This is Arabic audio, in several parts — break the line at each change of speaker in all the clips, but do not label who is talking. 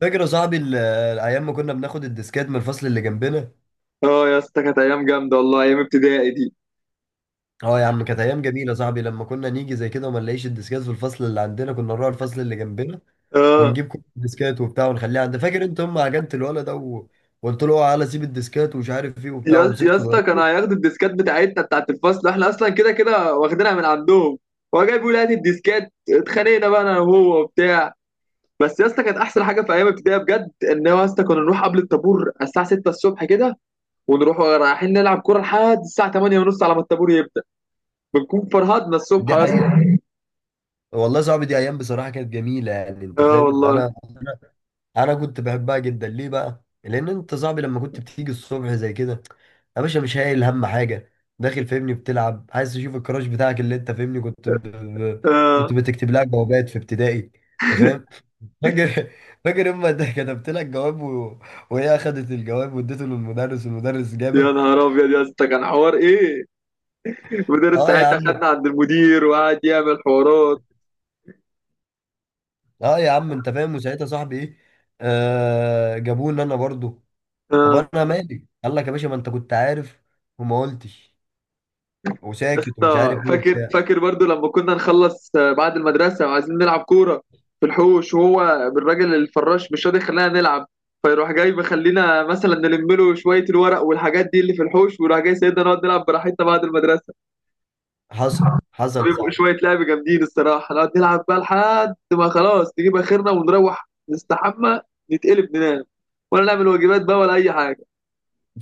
فاكر يا صاحبي الايام ما كنا بناخد الديسكات من الفصل اللي جنبنا.
اه يا اسطى، كانت ايام جامده والله، ايام ابتدائي دي.
اه يا عم، كانت ايام جميله يا صاحبي لما كنا نيجي زي كده وما نلاقيش الديسكات في الفصل اللي عندنا، كنا نروح الفصل اللي جنبنا
اه
ونجيب كل الديسكات وبتاع ونخليها عند. فاكر انت هم عجنت الولد ده وقلت له اوعى على سيب الديسكات ومش عارف ايه وبتاع
يا اسطى يا
ومسكته
اسطى كانوا
ضربته.
هياخدوا الديسكات بتاعتنا بتاعت الفصل، احنا اصلا كده كده واخدينها من عندهم. هو جاي بيقول هات الديسكات، اتخانقنا بقى انا وهو وبتاع. بس يا اسطى، كانت احسن حاجه في ايام ابتدائي بجد ان هو، يا اسطى، كنا نروح قبل الطابور على الساعه 6 الصبح كده، ونروح رايحين نلعب كوره لحد الساعه 8 ونص، على ما الطابور يبدا بنكون فرهدنا الصبح
دي
يا اسطى.
حقيقه. والله يا صاحبي دي ايام بصراحه كانت جميله، يعني انت
اه
فاهم.
والله.
انا كنت بحبها جدا. ليه بقى؟ لان انت صاحبي لما كنت بتيجي الصبح زي كده، يا باشا مش هايل هم حاجه، داخل فاهمني بتلعب عايز تشوف الكراش بتاعك اللي انت فاهمني، كنت كنت
اه
بتكتب لها جوابات في ابتدائي. انت فاهم؟ فاكر فاكر اما ده كتبت لك جواب وهي اخدت الجواب واديته للمدرس والمدرس جابك.
يا نهار ابيض يا اسطى، كان حوار ايه؟ المدرس
اه يا
ساعتها
عم.
خدنا عند المدير وقعد يعمل حوارات.
اه يا عم انت فاهم، وساعتها صاحبي ايه، آه، جابوني انا برضو. طب
اه
انا مالي؟ قال لك يا باشا ما انت كنت عارف وما قلتش
يا
وساكت ومش
اسطى،
عارف ايه
فاكر
وبتاع.
فاكر برضو لما كنا نخلص بعد المدرسة وعايزين نلعب كورة في الحوش، وهو الراجل الفراش مش راضي يخلينا نلعب، فيروح جاي بيخلينا مثلا نلم له شوية الورق والحاجات دي اللي في الحوش، ويروح جاي سيدنا نقعد نلعب براحتنا بعد المدرسة.
حصل حصل يا
بيبقوا
صاحبي.
شوية لعب جامدين الصراحة، نقعد نلعب بقى لحد ما خلاص نجيب آخرنا، ونروح نستحمى، نتقلب ننام، ولا نعمل واجبات بقى، ولا أي حاجة.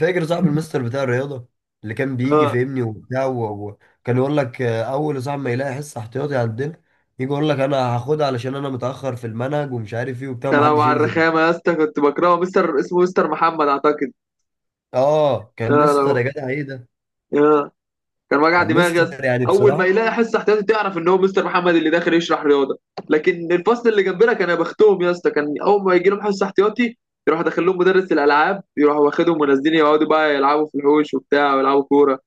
فاكر صاحب المستر بتاع الرياضه اللي كان بيجي
آه.
فهمني وبتاع وكان يقول لك آه، اول يا صاحبي ما يلاقي حصه احتياطي عندنا يجي يقول لك انا هاخدها علشان انا متاخر في المنهج ومش عارف ايه وبتاع
يا لو
ومحدش
على
ينزل.
الرخامة يا اسطى، كنت بكرهه مستر، اسمه مستر محمد أعتقد.
اه، كان
يا
مستر يا
لو
جدع، ايه ده!
يا كان وجع
كان
دماغي يا اسطى.
مستر يعني
أول ما
بصراحه
يلاقي حصة احتياطي تعرف إن هو مستر محمد اللي داخل يشرح رياضة. لكن الفصل اللي جنبنا كان يبختهم يا اسطى، كان أول ما يجي لهم حصة احتياطي يروح داخل لهم مدرس الألعاب، يروح واخدهم ونازلين يقعدوا بقى يلعبوا في الحوش وبتاع ويلعبوا كورة.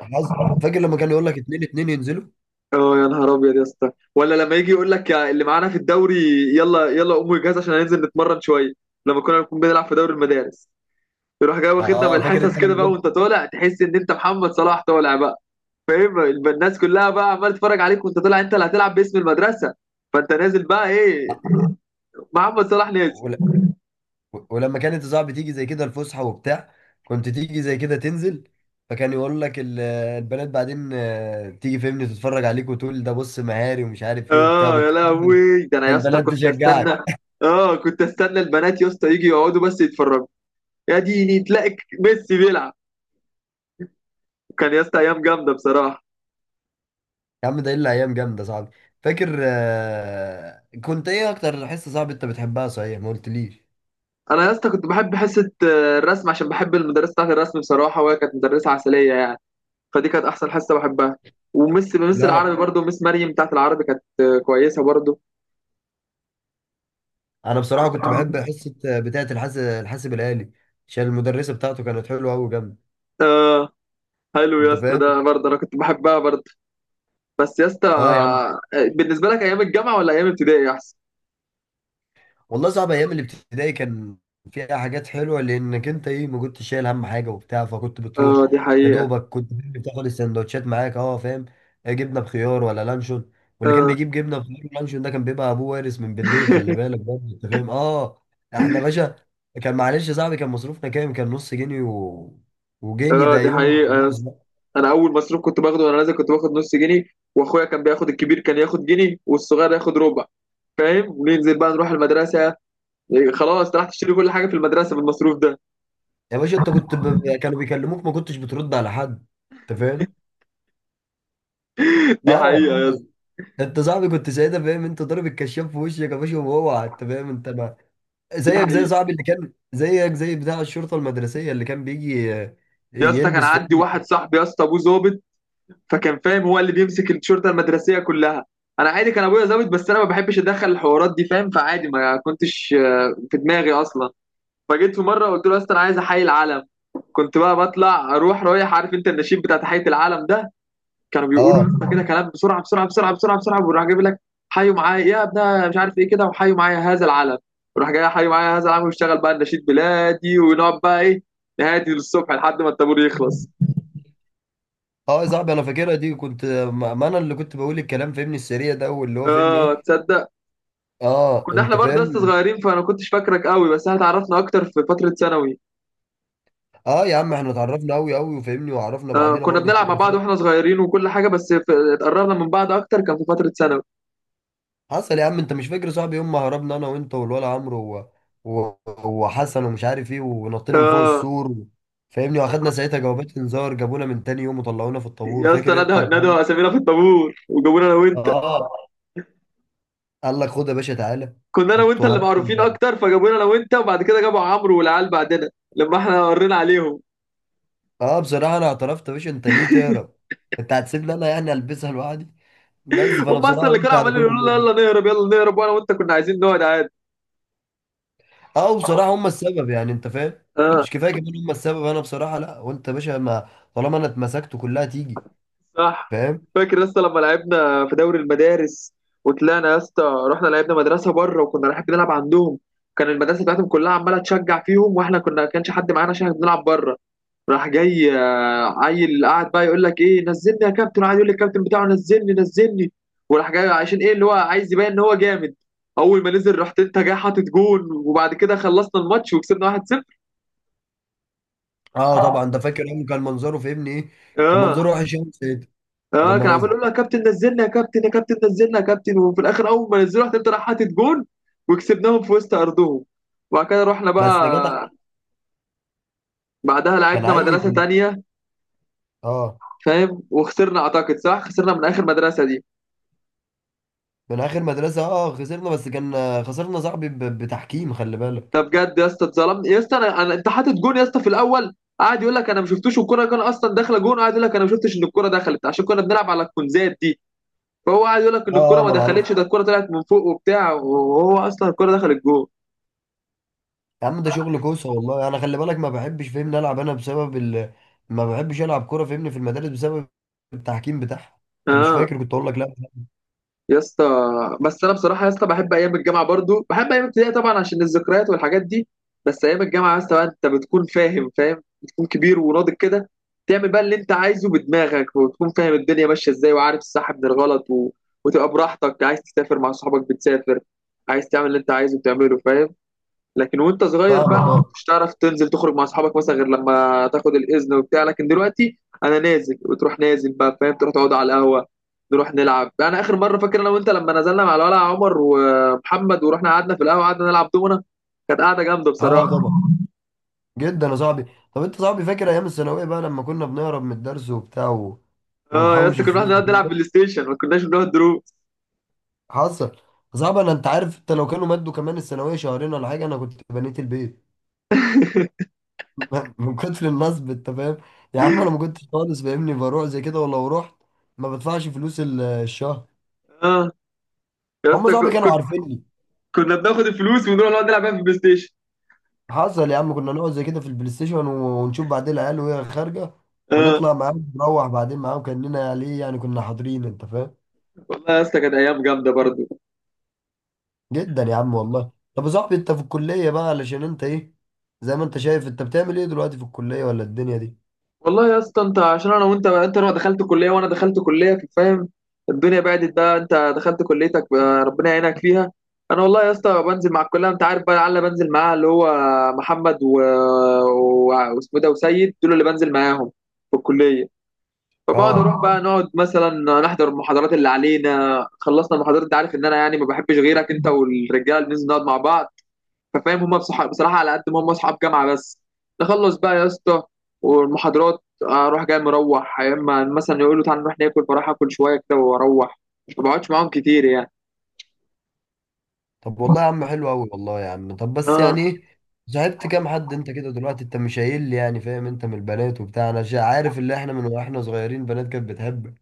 حظ. فاكر لما كان يقول لك اتنين اتنين ينزلوا؟
اه يا نهار ابيض يا اسطى، ولا لما يجي يقول لك يا اللي معانا في الدوري يلا يلا قوموا الجهاز عشان هننزل نتمرن شويه، لما كنا بنكون بنلعب في دوري المدارس. يروح جاي واخدنا من
اه فاكر
الحصص
انت
كده
لما
بقى، وانت طالع تحس ان انت محمد صلاح طالع بقى. فاهم؟ يبقى الناس كلها بقى عماله تتفرج عليك وانت طالع، انت اللي هتلعب باسم المدرسه، فانت نازل بقى ايه، محمد صلاح نازل.
كنت، ولما كانت الزعب بتيجي زي كده الفسحه وبتاع، كنت تيجي زي كده تنزل، فكان يقول لك البنات بعدين آه، تيجي فهمني تتفرج عليك وتقول ده بص مهاري ومش عارف ايه وبتاع،
اه يا
كنت
لهوي، ده انا يا اسطى
البنات
كنت استنى.
تشجعك.
اه كنت استنى البنات يا اسطى يجي يقعدوا بس يتفرجوا. يا ديني تلاقي ميسي بيلعب. كان يا اسطى ايام جامده بصراحه.
يا عم ده الا ايام جامده صاحبي. فاكر آه، كنت ايه اكتر حصه صاحبي انت بتحبها؟ صحيح ما قلتليش.
انا يا اسطى كنت بحب حصه الرسم، عشان بحب المدرسه بتاعت الرسم بصراحه، وهي كانت مدرسه عسليه يعني. فدي كانت احسن حصه بحبها. ومس
لا انا،
العربي برضو، مس مريم بتاعت العربي كانت كويسه برضو.
انا بصراحه كنت بحب حصه آه، بتاعه الحاسب الالي، عشان المدرسه بتاعته كانت حلوه قوي جامده.
اه حلو يا
انت
اسطى،
فاهم.
ده برضه انا كنت بحبها برضه. بس يا اسطى
اه يا عم،
بالنسبه لك، ايام الجامعه ولا ايام ابتدائي احسن؟
والله صعب. ايام الابتدائي كان فيها حاجات حلوه لانك انت ايه، ما كنتش شايل هم حاجه وبتاع، فكنت بتروح
اه دي
يا
حقيقه.
دوبك، كنت بتاخد السندوتشات معاك. اه فاهم، آه، جبنه بخيار ولا لانشون. واللي كان
اه.
بيجيب جبنه بخيار ولانشون ده كان بيبقى ابوه وارث من بالليل، خلي بالك برضه انت فاهم. اه، احنا باشا كان معلش. يا صاحبي كان مصروفنا كام؟ كان نص جنيه وجنيه
اه
ده،
دي
يوم ما
حقيقه يا
خلاص
اسطى.
بقى.
انا اول مصروف كنت باخده وانا نازل كنت باخد نص جنيه. واخويا كان بياخد الكبير كان ياخد جنيه، والصغير ياخد ربع. فاهم؟ وننزل بقى نروح المدرسه. خلاص راح تشتري كل حاجه في المدرسه بالمصروف ده.
يا باشا انت كنت كانوا بيكلموك ما كنتش بترد على حد، انت فاهم.
دي
اه،
حقيقه يا اسطى.
انت صاحبي كنت ساعتها فاهم، انت ضارب الكشاف في وشك يا باشا، وهو انت فاهم، انت ما،
دي
زيك زي
حقيقه.
صاحبي اللي كان زيك زي بتاع الشرطه المدرسيه اللي كان بيجي آه،
يا اسطى كان
يلبس في.
عندي واحد صاحبي يا اسطى، ابوه ظابط، فكان فاهم هو اللي بيمسك الشرطه المدرسيه كلها. انا عادي، كان ابويا ظابط بس انا ما بحبش اتدخل الحوارات دي، فاهم؟ فعادي ما كنتش في دماغي اصلا. فجيت في مره قلت له يا اسطى انا عايز احيي العلم. كنت بقى بطلع اروح رايح، عارف انت النشيد بتاع تحيه العلم ده؟ كانوا بيقولوا يا
اه
اسطى كده كلام بسرعه بسرعه بسرعه بسرعه بسرعه، وراح جايب لك حيوا معايا يا ابنها مش عارف ايه كده، وحيوا معايا هذا العلم. وراح جاي حيوا معايا هذا العلم، واشتغل بقى النشيد بلادي، ونقعد بقى ايه، نهادي للصبح لحد ما الطابور يخلص.
اه، يا صاحبي انا فاكرها دي، كنت ما انا اللي كنت بقول الكلام فهمني السريع ده واللي هو فهمني
اه
ايه.
تصدق؟
اه
كنا
انت
احنا برضه لسه
فاهم.
صغيرين، فانا كنتش فاكرك قوي، بس احنا اتعرفنا اكتر في فتره ثانوي.
اه يا عم احنا اتعرفنا قوي قوي وفهمني وعرفنا
آه
بعضينا
كنا
برضو في
بنلعب مع بعض
فتره.
واحنا صغيرين وكل حاجه، بس اتقربنا من بعض اكتر كان في فتره ثانوي.
حصل. يا عم انت مش فاكر صاحبي يوم ما هربنا انا وانت والولا عمرو و... وحسن ومش عارف ايه، ونطينا من فوق
اه
السور فاهمني، واخدنا ساعتها جوابات انذار، جابونا من تاني يوم وطلعونا في الطابور،
يا اسطى،
فاكر انت
نادوا
الحوار ده؟
نادوا اسامينا في الطابور، وجابونا انا وانت.
اه. قال لك خد يا باشا تعالى،
كنا انا وانت
انتوا
اللي
هربتوا
معروفين
امبارح.
اكتر، فجابونا انا وانت، وبعد كده جابوا عمرو والعيال بعدنا، لما احنا ورينا عليهم.
اه بصراحه انا اعترفت. يا باشا انت ليه تهرب؟ انت هتسيبني انا يعني البسها لوحدي؟ بس فانا
هم اصلا
بصراحه
اللي
قلت
كانوا
على كل
عمالين يقولوا لنا
اللي،
يلا نهرب يلا نهرب، وانا وانت كنا عايزين نقعد عادي.
اه بصراحه هم السبب يعني، انت فاهم.
اه
مش كفايه كمان هم السبب؟ انا بصراحه لا، وانت يا باشا ما، طالما انا اتمسكت كلها تيجي،
صح.
فاهم.
فاكر يا اسطى لما لعبنا في دوري المدارس وطلعنا يا اسطى؟ رحنا لعبنا مدرسه بره وكنا رايحين بنلعب عندهم. كان المدرسه بتاعتهم كلها عماله تشجع فيهم، واحنا كنا كانش حد معانا عشان إحنا بنلعب بره. راح جاي عيل قاعد بقى يقول لك ايه، نزلني يا كابتن، قاعد يقول للكابتن بتاعه نزلني نزلني، وراح جاي عشان ايه اللي هو عايز يبين ان هو جامد. اول ما نزل رحت انت جاي حاطط جون، وبعد كده خلصنا الماتش وكسبنا 1-0.
اه طبعا ده فاكر يوم، كان منظره في ابني ايه! كان
اه
منظره وحش يوم سيد
اه.
لما
كان عمال
نزل.
يقول له يا كابتن نزلنا يا كابتن، يا كابتن نزلنا يا كابتن، وفي الاخر اول ما نزلوا راح تبدا راح حاطط جون، وكسبناهم في وسط ارضهم. وبعد كده رحنا
بس يا جدع
بقى، بعدها
كان
لعبنا
عيل.
مدرسه تانية،
اه،
فاهم؟ وخسرنا اعتقد، صح خسرنا من اخر مدرسه دي.
من اخر مدرسه اه خسرنا، بس كان آه، خسرنا صاحبي بتحكيم، خلي بالك.
ده بجد يا اسطى اتظلمت يا اسطى. انت حاطط جون يا اسطى في الاول، قاعد يقول لك انا ما شفتوش، والكره كان اصلا داخله جون، قاعد يقول لك انا ما شفتش ان الكره دخلت، عشان كنا بنلعب على الكونزات دي. فهو قاعد يقول لك ان
اه
الكره
اه
ما
ما انا عارف.
دخلتش، ده الكره طلعت من فوق وبتاع، وهو اصلا الكره دخلت جون.
يا عم ده شغل كوسه والله، انا خلي بالك ما بحبش فهمني العب انا بسبب ما بحبش العب كوره فهمني في المدارس بسبب التحكيم بتاعها، انت مش
اه
فاكر كنت اقول لك؟ لا
يا اسطى. بس انا بصراحه يا اسطى بحب ايام الجامعه، برضو بحب ايام الابتدائي طبعا عشان الذكريات والحاجات دي. بس ايام الجامعه يا اسطى بقى، انت بتكون فاهم، بتكون كبير وناضج كده، تعمل بقى اللي انت عايزه بدماغك، وتكون فاهم الدنيا ماشيه ازاي، وعارف الصح من الغلط وتبقى براحتك، عايز تسافر مع صحابك بتسافر، عايز تعمل اللي انت عايزه بتعمله، فاهم؟ لكن وانت صغير بقى
فاهمك.
ما
اه
كنتش تعرف تنزل تخرج مع اصحابك مثلا غير لما تاخد الاذن وبتاع، لكن دلوقتي انا نازل وتروح نازل بقى، فاهم؟ تروح تقعد على القهوه، نروح نلعب. انا اخر مره فاكر انا وانت لما نزلنا مع الولع عمر ومحمد، ورحنا قعدنا في القهوه قعدنا نلعب دومنا، كانت قعده جامده
اه اه،
بصراحه.
طبعا، جدا يا صاحبي. طب انت صاحبي فاكر ايام الثانويه بقى لما كنا بنهرب من الدرس وبتاع
اه يا
ونحوش
اسطى، كنا
الفلوس؟
بنقعد نلعب بلاي ستيشن، ما كناش بنقعد دروس.
حصل. صعب. انا انت عارف، انت لو كانوا مدوا كمان الثانويه شهرين ولا حاجه انا كنت بنيت البيت. من كتر النصب، انت فاهم. يا عم انا ما كنتش خالص فاهمني بروح زي كده، ولو رحت ما بدفعش فلوس الشهر.
اه يا
هم
اسطى،
صحابي كانوا
كنا
عارفيني.
كنا بناخد الفلوس ونروح نقعد نلعب بيها في البلاي ستيشن.
حصل يا عم. كنا نقعد زي كده في البلاي ستيشن ونشوف بعدين العيال وهي خارجه
اه
ونطلع معاهم، نروح بعدين معاهم كاننا ليه يعني كنا حاضرين، انت فاهم.
والله يا اسطى كانت ايام جامده برضه.
جدا يا عم والله. طب يا صاحبي انت في الكليه بقى، علشان انت ايه، زي ما انت شايف، انت بتعمل ايه دلوقتي في الكليه ولا الدنيا دي؟
والله يا اسطى انت، عشان انا وانت، انت لو دخلت كليه وانا دخلت كليه، فاهم؟ الدنيا بعدت بقى، انت دخلت كليتك بقى ربنا يعينك فيها. انا والله يا اسطى بنزل مع الكليه، انت عارف بقى العيال اللي بنزل معاها، اللي هو محمد و... واسمه إيه ده، وسيد، دول اللي بنزل معاهم في الكليه. فبقعد
اه.
اروح بقى نقعد مثلا نحضر المحاضرات اللي علينا، خلصنا المحاضرات انت عارف ان انا يعني ما بحبش غيرك انت والرجاله، بننزل نقعد مع بعض. ففاهم هما بصراحه، على قد ما هما اصحاب جامعه، بس نخلص بقى يا اسطى والمحاضرات اروح جاي مروح، يا اما مثلا يقولوا تعالى نروح ناكل فراح اكل شويه كده واروح. مش ما بقعدش معاهم كتير يعني.
طب والله يا عم حلو قوي، والله يا عم. طب بس
اه
يعني ايه، صاحبت كام حد انت كده دلوقتي؟ انت مش قايل لي يعني، فاهم، انت من البنات وبتاع انا عارف اللي احنا من واحنا صغيرين، بنات كانت بتحب.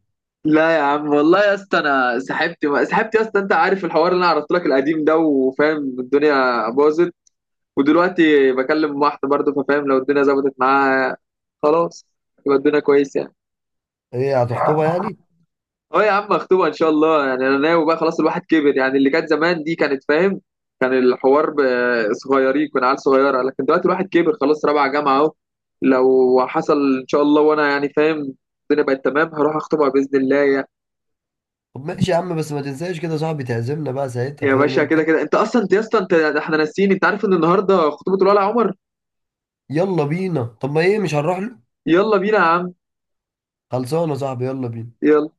لا يا عم، والله يا اسطى انا سحبت يا اسطى، انت عارف الحوار اللي انا عرضت لك القديم ده، وفاهم الدنيا باظت. ودلوقتي بكلم واحده برضه، ففاهم لو الدنيا ظبطت معاها خلاص يبقى الدنيا كويسه.
ايه، هتخطبها يعني؟
اه يا عم، مخطوبة ان شاء الله، يعني انا ناوي بقى، خلاص الواحد كبر، يعني اللي كانت زمان دي كانت فاهم، كان الحوار صغيرين، كنا عيال صغيرة، لكن دلوقتي الواحد كبر خلاص، رابعة جامعة اهو، لو حصل ان شاء الله وانا يعني فاهم الدنيا بقت تمام هروح اخطبها باذن الله
طب ماشي يا عم، بس ما تنساش كده صاحبي تعزمنا بقى ساعتها،
يا
فاهم
باشا
انت.
كده كده انت اصلا، انت يا اسطى، انت احنا ناسيين، انت عارف ان النهارده خطوبة الولع عمر؟
يلا بينا، طب ما ايه، مش هنروح له؟
يلا بينا يا عم،
خلصانه يا صاحبي، يلا بينا.
يلا.